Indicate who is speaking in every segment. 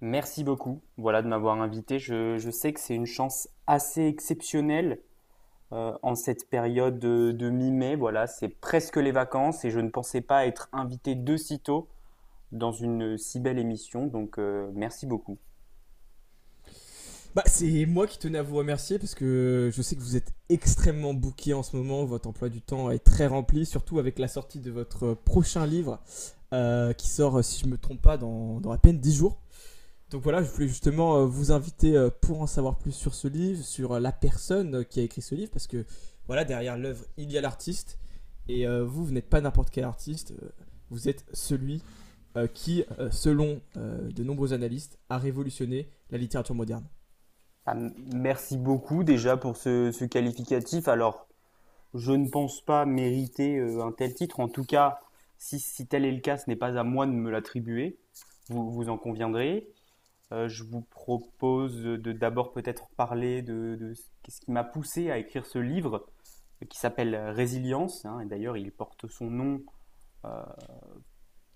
Speaker 1: Merci beaucoup, voilà, de m'avoir invité. Je sais que c'est une chance assez exceptionnelle en cette période de mi-mai. Voilà, c'est presque les vacances et je ne pensais pas être invité de si tôt dans une si belle émission. Donc, merci beaucoup.
Speaker 2: Bah, c'est moi qui tenais à vous remercier parce que je sais que vous êtes extrêmement bouqué en ce moment. Votre emploi du temps est très rempli, surtout avec la sortie de votre prochain livre qui sort, si je ne me trompe pas, dans à peine 10 jours. Donc voilà, je voulais justement vous inviter pour en savoir plus sur ce livre, sur la personne qui a écrit ce livre, parce que voilà, derrière l'œuvre, il y a l'artiste. Et vous n'êtes pas n'importe quel artiste, vous êtes celui, selon de nombreux analystes, a révolutionné la littérature moderne.
Speaker 1: Ah, merci beaucoup déjà pour ce qualificatif. Alors, je ne pense pas mériter un tel titre. En tout cas, si tel est le cas, ce n'est pas à moi de me l'attribuer. Vous, vous en conviendrez. Je vous propose de d'abord peut-être parler de ce qu'est-ce qui m'a poussé à écrire ce livre qui s'appelle Résilience. Hein, et d'ailleurs, il porte son nom euh,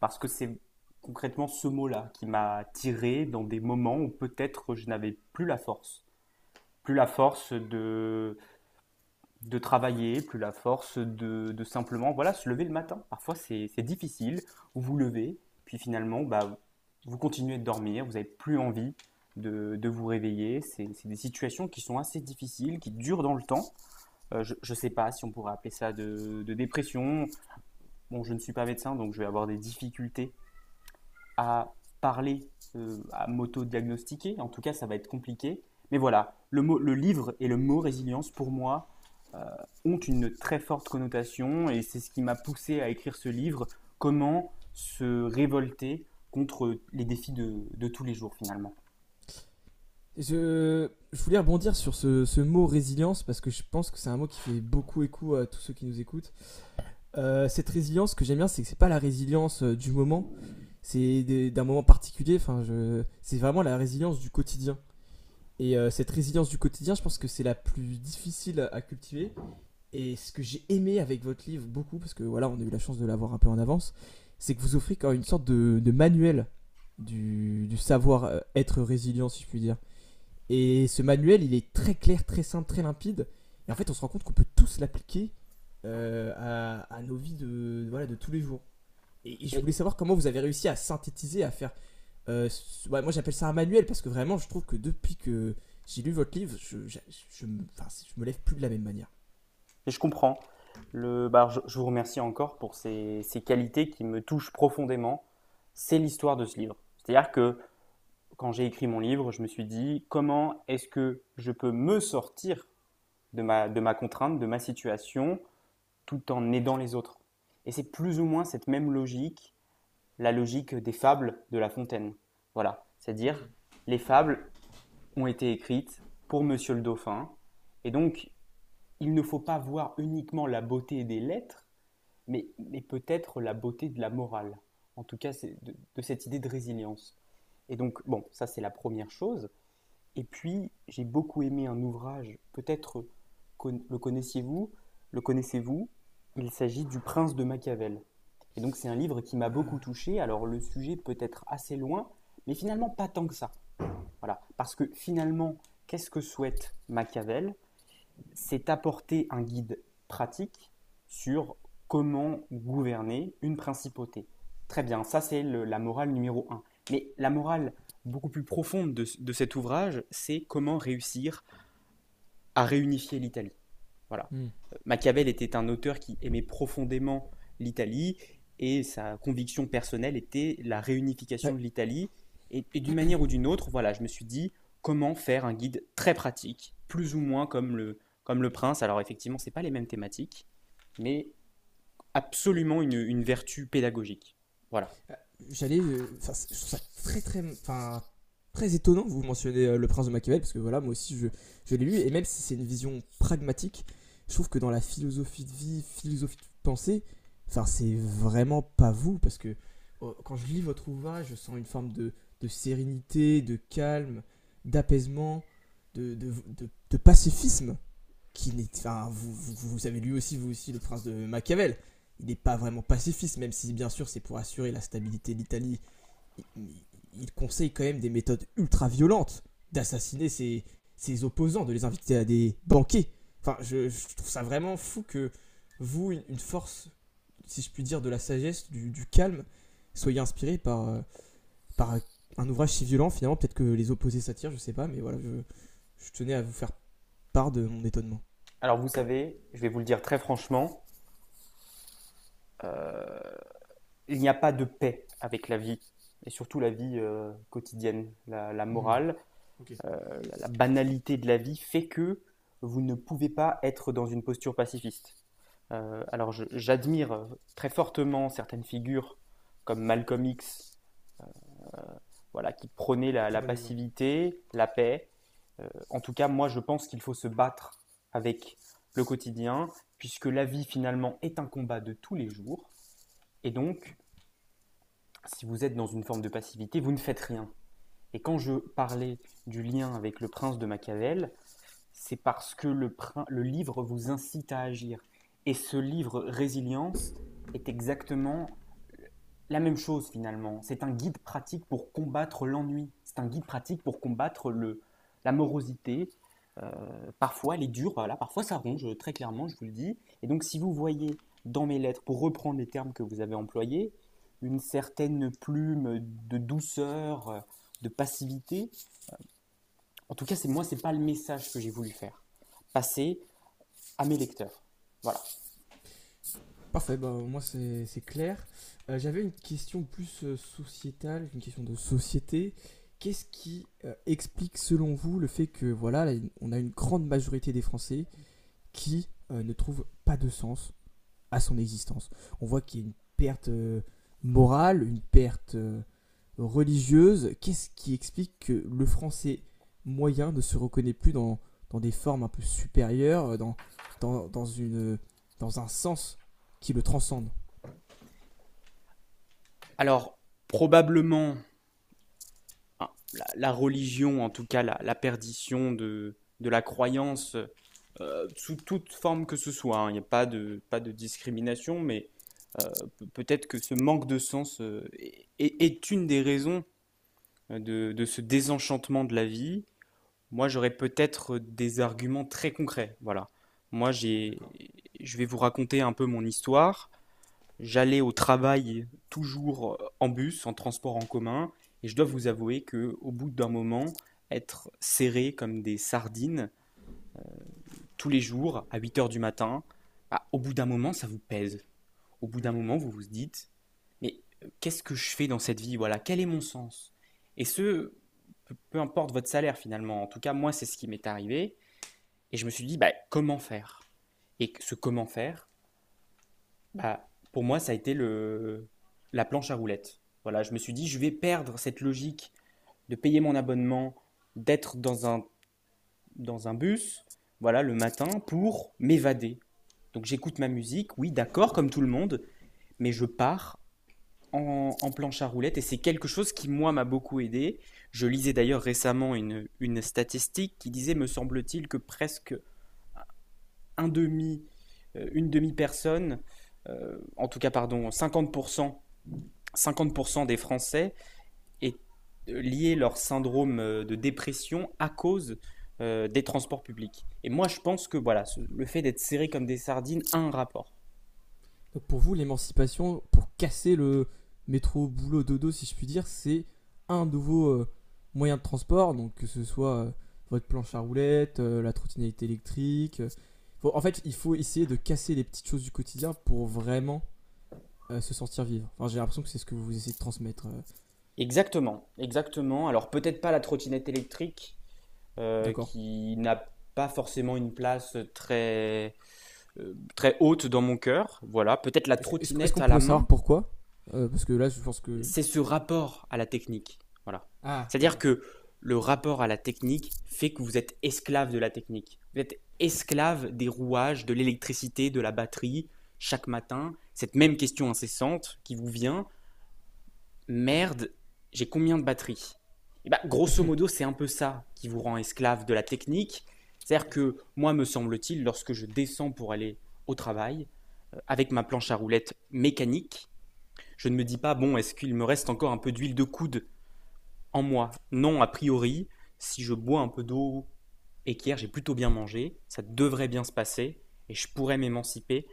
Speaker 1: parce que c'est concrètement ce mot-là qui m'a tiré dans des moments où peut-être je n'avais plus la force. Plus la force de travailler, plus la force de simplement voilà, se lever le matin. Parfois, c'est difficile. Vous vous levez, puis finalement, bah, vous continuez de dormir, vous n'avez plus envie de vous réveiller. C'est des situations qui sont assez difficiles, qui durent dans le temps. Je ne sais pas si on pourrait appeler ça de dépression. Bon, je ne suis pas médecin, donc je vais avoir des difficultés à parler, à m'auto-diagnostiquer. En tout cas, ça va être compliqué. Mais voilà, mot, le livre et le mot résilience, pour moi, euh, ont une très forte connotation et c'est ce qui m'a poussé à écrire ce livre. Comment se révolter contre les défis de tous les jours, finalement.
Speaker 2: Je voulais rebondir sur ce mot résilience parce que je pense que c'est un mot qui fait beaucoup écho à tous ceux qui nous écoutent. Cette résilience, ce que j'aime bien, c'est que c'est pas la résilience du moment, d'un moment particulier. Enfin, c'est vraiment la résilience du quotidien. Et cette résilience du quotidien, je pense que c'est la plus difficile à cultiver. Et ce que j'ai aimé avec votre livre beaucoup, parce que voilà, on a eu la chance de l'avoir un peu en avance, c'est que vous offrez quand même une sorte de manuel du savoir être résilient, si je puis dire. Et ce manuel, il est très clair, très simple, très limpide. Et en fait, on se rend compte qu'on peut tous l'appliquer à nos vies voilà, de tous les jours. Et je
Speaker 1: Et,
Speaker 2: voulais savoir comment vous avez réussi à synthétiser, à faire. euh, ouais, moi, j'appelle ça un manuel parce que vraiment, je trouve que depuis que j'ai lu votre livre, je me lève plus de la même manière.
Speaker 1: et je comprends. Bah, je, vous remercie encore pour ces qualités qui me touchent profondément. C'est l'histoire de ce livre. C'est-à-dire que quand j'ai écrit mon livre, je me suis dit comment est-ce que je peux me sortir de ma contrainte, de ma situation, tout en aidant les autres. Et c'est plus ou moins cette même logique, la logique des fables de La Fontaine. Voilà, c'est-à-dire
Speaker 2: Hmm.
Speaker 1: les fables ont été écrites pour Monsieur le Dauphin, et donc il ne faut pas voir uniquement la beauté des lettres, mais peut-être la beauté de la morale, en tout cas c'est de cette idée de résilience. Et donc, bon, ça c'est la première chose. Et puis, j'ai beaucoup aimé un ouvrage, peut-être le connaissiez-vous, le connaissez-vous, il s'agit du Prince de Machiavel. Et donc c'est un livre qui m'a beaucoup touché, alors le sujet peut être assez loin, mais finalement pas tant que ça. Voilà, parce que finalement, qu'est-ce que souhaite Machiavel, c'est apporter un guide pratique sur comment gouverner une principauté. Très bien, ça c'est la morale numéro un. Mais la morale beaucoup plus profonde de cet ouvrage, c'est comment réussir à réunifier l'Italie. Voilà.
Speaker 2: Hmm.
Speaker 1: Machiavel était un auteur qui aimait profondément l'Italie et sa conviction personnelle était la réunification
Speaker 2: Ouais.
Speaker 1: de l'Italie. Et d'une manière ou d'une autre, voilà, je me suis dit comment faire un guide très pratique, plus ou moins comme le prince. Alors effectivement, c'est pas les mêmes thématiques, mais absolument une vertu pédagogique. Voilà.
Speaker 2: Euh, je trouve ça très très étonnant. Vous mentionnez Le Prince de Machiavel parce que voilà, moi aussi je l'ai lu et même si c'est une vision pragmatique, je trouve que dans la philosophie de vie, philosophie de pensée, enfin, c'est vraiment pas vous parce que quand je lis votre ouvrage, je sens une forme de sérénité, de calme, d'apaisement, de, de, de pacifisme qui n'est, enfin, vous savez lui aussi, vous aussi, le prince de Machiavel. Il n'est pas vraiment pacifiste, même si bien sûr c'est pour assurer la stabilité de l'Italie. Il, il conseille quand même des méthodes ultra violentes, d'assassiner ses, ses opposants, de les inviter à des banquets. Enfin, je trouve ça vraiment fou que vous, une force, si je puis dire, de la sagesse, du calme, soyez inspiré par un ouvrage si violent finalement. Peut-être que les opposés s'attirent, je sais pas, mais voilà, je tenais à vous faire part de mon étonnement.
Speaker 1: Alors vous savez, je vais vous le dire très franchement, euh, il n'y a pas de paix avec la vie, et surtout la vie quotidienne, la
Speaker 2: Hmm,
Speaker 1: morale.
Speaker 2: ok.
Speaker 1: La banalité de la vie fait que vous ne pouvez pas être dans une posture pacifiste. Alors j'admire très fortement certaines figures comme Malcolm X, voilà, qui prônaient la,
Speaker 2: Très
Speaker 1: la
Speaker 2: bon exemple.
Speaker 1: passivité, la paix. En tout cas, moi je pense qu'il faut se battre avec le quotidien, puisque la vie finalement est un combat de tous les jours. Et donc, si vous êtes dans une forme de passivité, vous ne faites rien. Et quand je parlais du lien avec le prince de Machiavel, c'est parce que le livre vous incite à agir. Et ce livre Résilience est exactement la même chose finalement. C'est un guide pratique pour combattre l'ennui. C'est un guide pratique pour combattre le, la morosité. Euh, Parfois, elle est dure, voilà, parfois ça ronge, très clairement, je vous le dis. Et donc, si vous voyez dans mes lettres, pour reprendre les termes que vous avez employés, une certaine plume de douceur, de passivité, en tout cas, c'est moi, c'est pas le message que j'ai voulu faire passer à mes lecteurs. Voilà.
Speaker 2: Parfait, bah, moi c'est clair. J'avais une question plus sociétale, une question de société. Qu'est-ce qui explique selon vous le fait que voilà, là, on a une grande majorité des Français qui ne trouvent pas de sens à son existence. On voit qu'il y a une perte morale, une perte religieuse. Qu'est-ce qui explique que le français moyen ne se reconnaît plus dans des formes un peu supérieures, dans, dans une, dans un sens qui le transcende.
Speaker 1: Alors, probablement, hein, la religion, en tout cas, la perdition de la croyance sous toute forme que ce soit. Hein, il n'y a pas de discrimination, mais peut-être que ce manque de sens est une des raisons de ce désenchantement de la vie. Moi, j'aurais peut-être des arguments très concrets. Voilà. Moi,
Speaker 2: D'accord.
Speaker 1: je vais vous raconter un peu mon histoire. J'allais au travail toujours en bus, en transport en commun, et je dois vous avouer que, au bout d'un moment, être serré comme des sardines tous les jours à 8 h du matin, bah, au bout d'un moment, ça vous pèse. Au bout d'un moment, vous vous dites, mais qu'est-ce que je fais dans cette vie? Voilà, quel est mon sens? Et peu importe votre salaire finalement. En tout cas, moi, c'est ce qui m'est arrivé. Et je me suis dit, bah, comment faire? Et ce comment faire, bah, pour moi, ça a été le, la planche à roulettes. Voilà, je me suis dit, je vais perdre cette logique de payer mon abonnement, d'être dans un bus, voilà, le matin, pour m'évader. Donc j'écoute ma musique, oui, d'accord, comme tout le monde, mais je pars en planche à roulettes et c'est quelque chose qui, moi, m'a beaucoup aidé. Je lisais d'ailleurs récemment une statistique qui disait, me semble-t-il, que presque un demi, une demi-personne, en tout cas, pardon, 50 % 50 % des Français aient lié leur syndrome de dépression à cause des transports publics. Et moi, je pense que voilà, le fait d'être serré comme des sardines a un rapport.
Speaker 2: Donc pour vous, l'émancipation, pour casser le métro boulot dodo, si je puis dire, c'est un nouveau moyen de transport, donc que ce soit votre planche à roulettes, la trottinette électrique. En fait, il faut essayer de casser les petites choses du quotidien pour vraiment se sentir vivre. Enfin, j'ai l'impression que c'est ce que vous essayez de transmettre.
Speaker 1: Exactement, exactement. Alors peut-être pas la trottinette électrique
Speaker 2: D'accord.
Speaker 1: qui n'a pas forcément une place très très haute dans mon cœur. Voilà, peut-être la
Speaker 2: Est-ce
Speaker 1: trottinette
Speaker 2: qu'on
Speaker 1: à la
Speaker 2: pourrait savoir
Speaker 1: main.
Speaker 2: pourquoi. Parce que là, je pense que...
Speaker 1: C'est ce rapport à la technique. Voilà.
Speaker 2: Ah,
Speaker 1: C'est-à-dire
Speaker 2: d'accord.
Speaker 1: que le rapport à la technique fait que vous êtes esclave de la technique. Vous êtes esclave des rouages, de l'électricité, de la batterie. Chaque matin, cette même question incessante qui vous vient, merde, j'ai combien de batterie? Eh bah, grosso modo, c'est un peu ça qui vous rend esclave de la technique. C'est-à-dire que moi, me semble-t-il, lorsque je descends pour aller au travail, avec ma planche à roulettes mécanique, je ne me dis pas, bon, est-ce qu'il me reste encore un peu d'huile de coude en moi. Non, a priori, si je bois un peu d'eau et qu'hier j'ai plutôt bien mangé, ça devrait bien se passer et je pourrais m'émanciper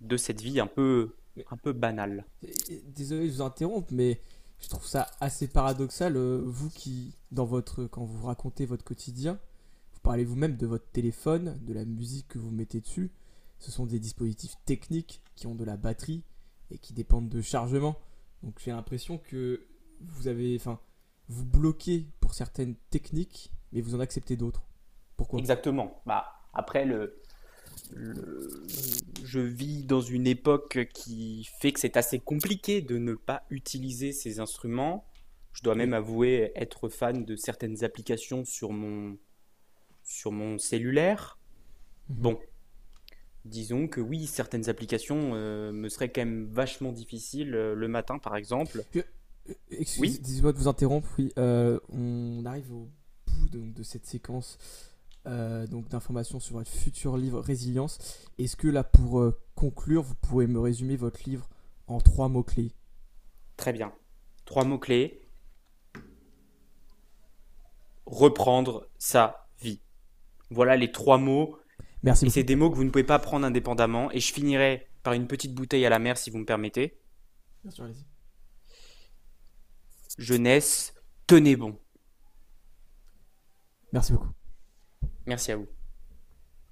Speaker 1: de cette vie un peu,
Speaker 2: Mais
Speaker 1: un peu banale.
Speaker 2: désolé de vous interrompre, mais je trouve ça assez paradoxal, vous qui, dans votre, quand vous racontez votre quotidien, vous parlez vous-même de votre téléphone, de la musique que vous mettez dessus. Ce sont des dispositifs techniques qui ont de la batterie et qui dépendent de chargement. Donc j'ai l'impression que vous avez, enfin, vous bloquez pour certaines techniques, mais vous en acceptez d'autres. Pourquoi?
Speaker 1: Exactement. Bah, après, le- je vis dans une époque qui fait que c'est assez compliqué de ne pas utiliser ces instruments. Je dois
Speaker 2: Oui.
Speaker 1: même avouer être fan de certaines applications sur mon cellulaire.
Speaker 2: Mmh.
Speaker 1: Bon, disons que oui, certaines applications me seraient quand même vachement difficiles le matin, par exemple. Oui,
Speaker 2: Excusez-moi de vous interrompre. Oui, on arrive au bout donc, de cette séquence donc d'informations sur votre futur livre Résilience. Est-ce que là, pour conclure, vous pouvez me résumer votre livre en trois mots-clés?
Speaker 1: très bien. Trois mots-clés. Reprendre sa vie. Voilà les trois mots.
Speaker 2: Merci
Speaker 1: Et c'est
Speaker 2: beaucoup.
Speaker 1: des mots que vous ne pouvez pas prendre indépendamment. Et je finirai par une petite bouteille à la mer, si vous me permettez.
Speaker 2: Bien sûr, allez-y.
Speaker 1: Jeunesse, tenez bon.
Speaker 2: Merci beaucoup.
Speaker 1: Merci à vous.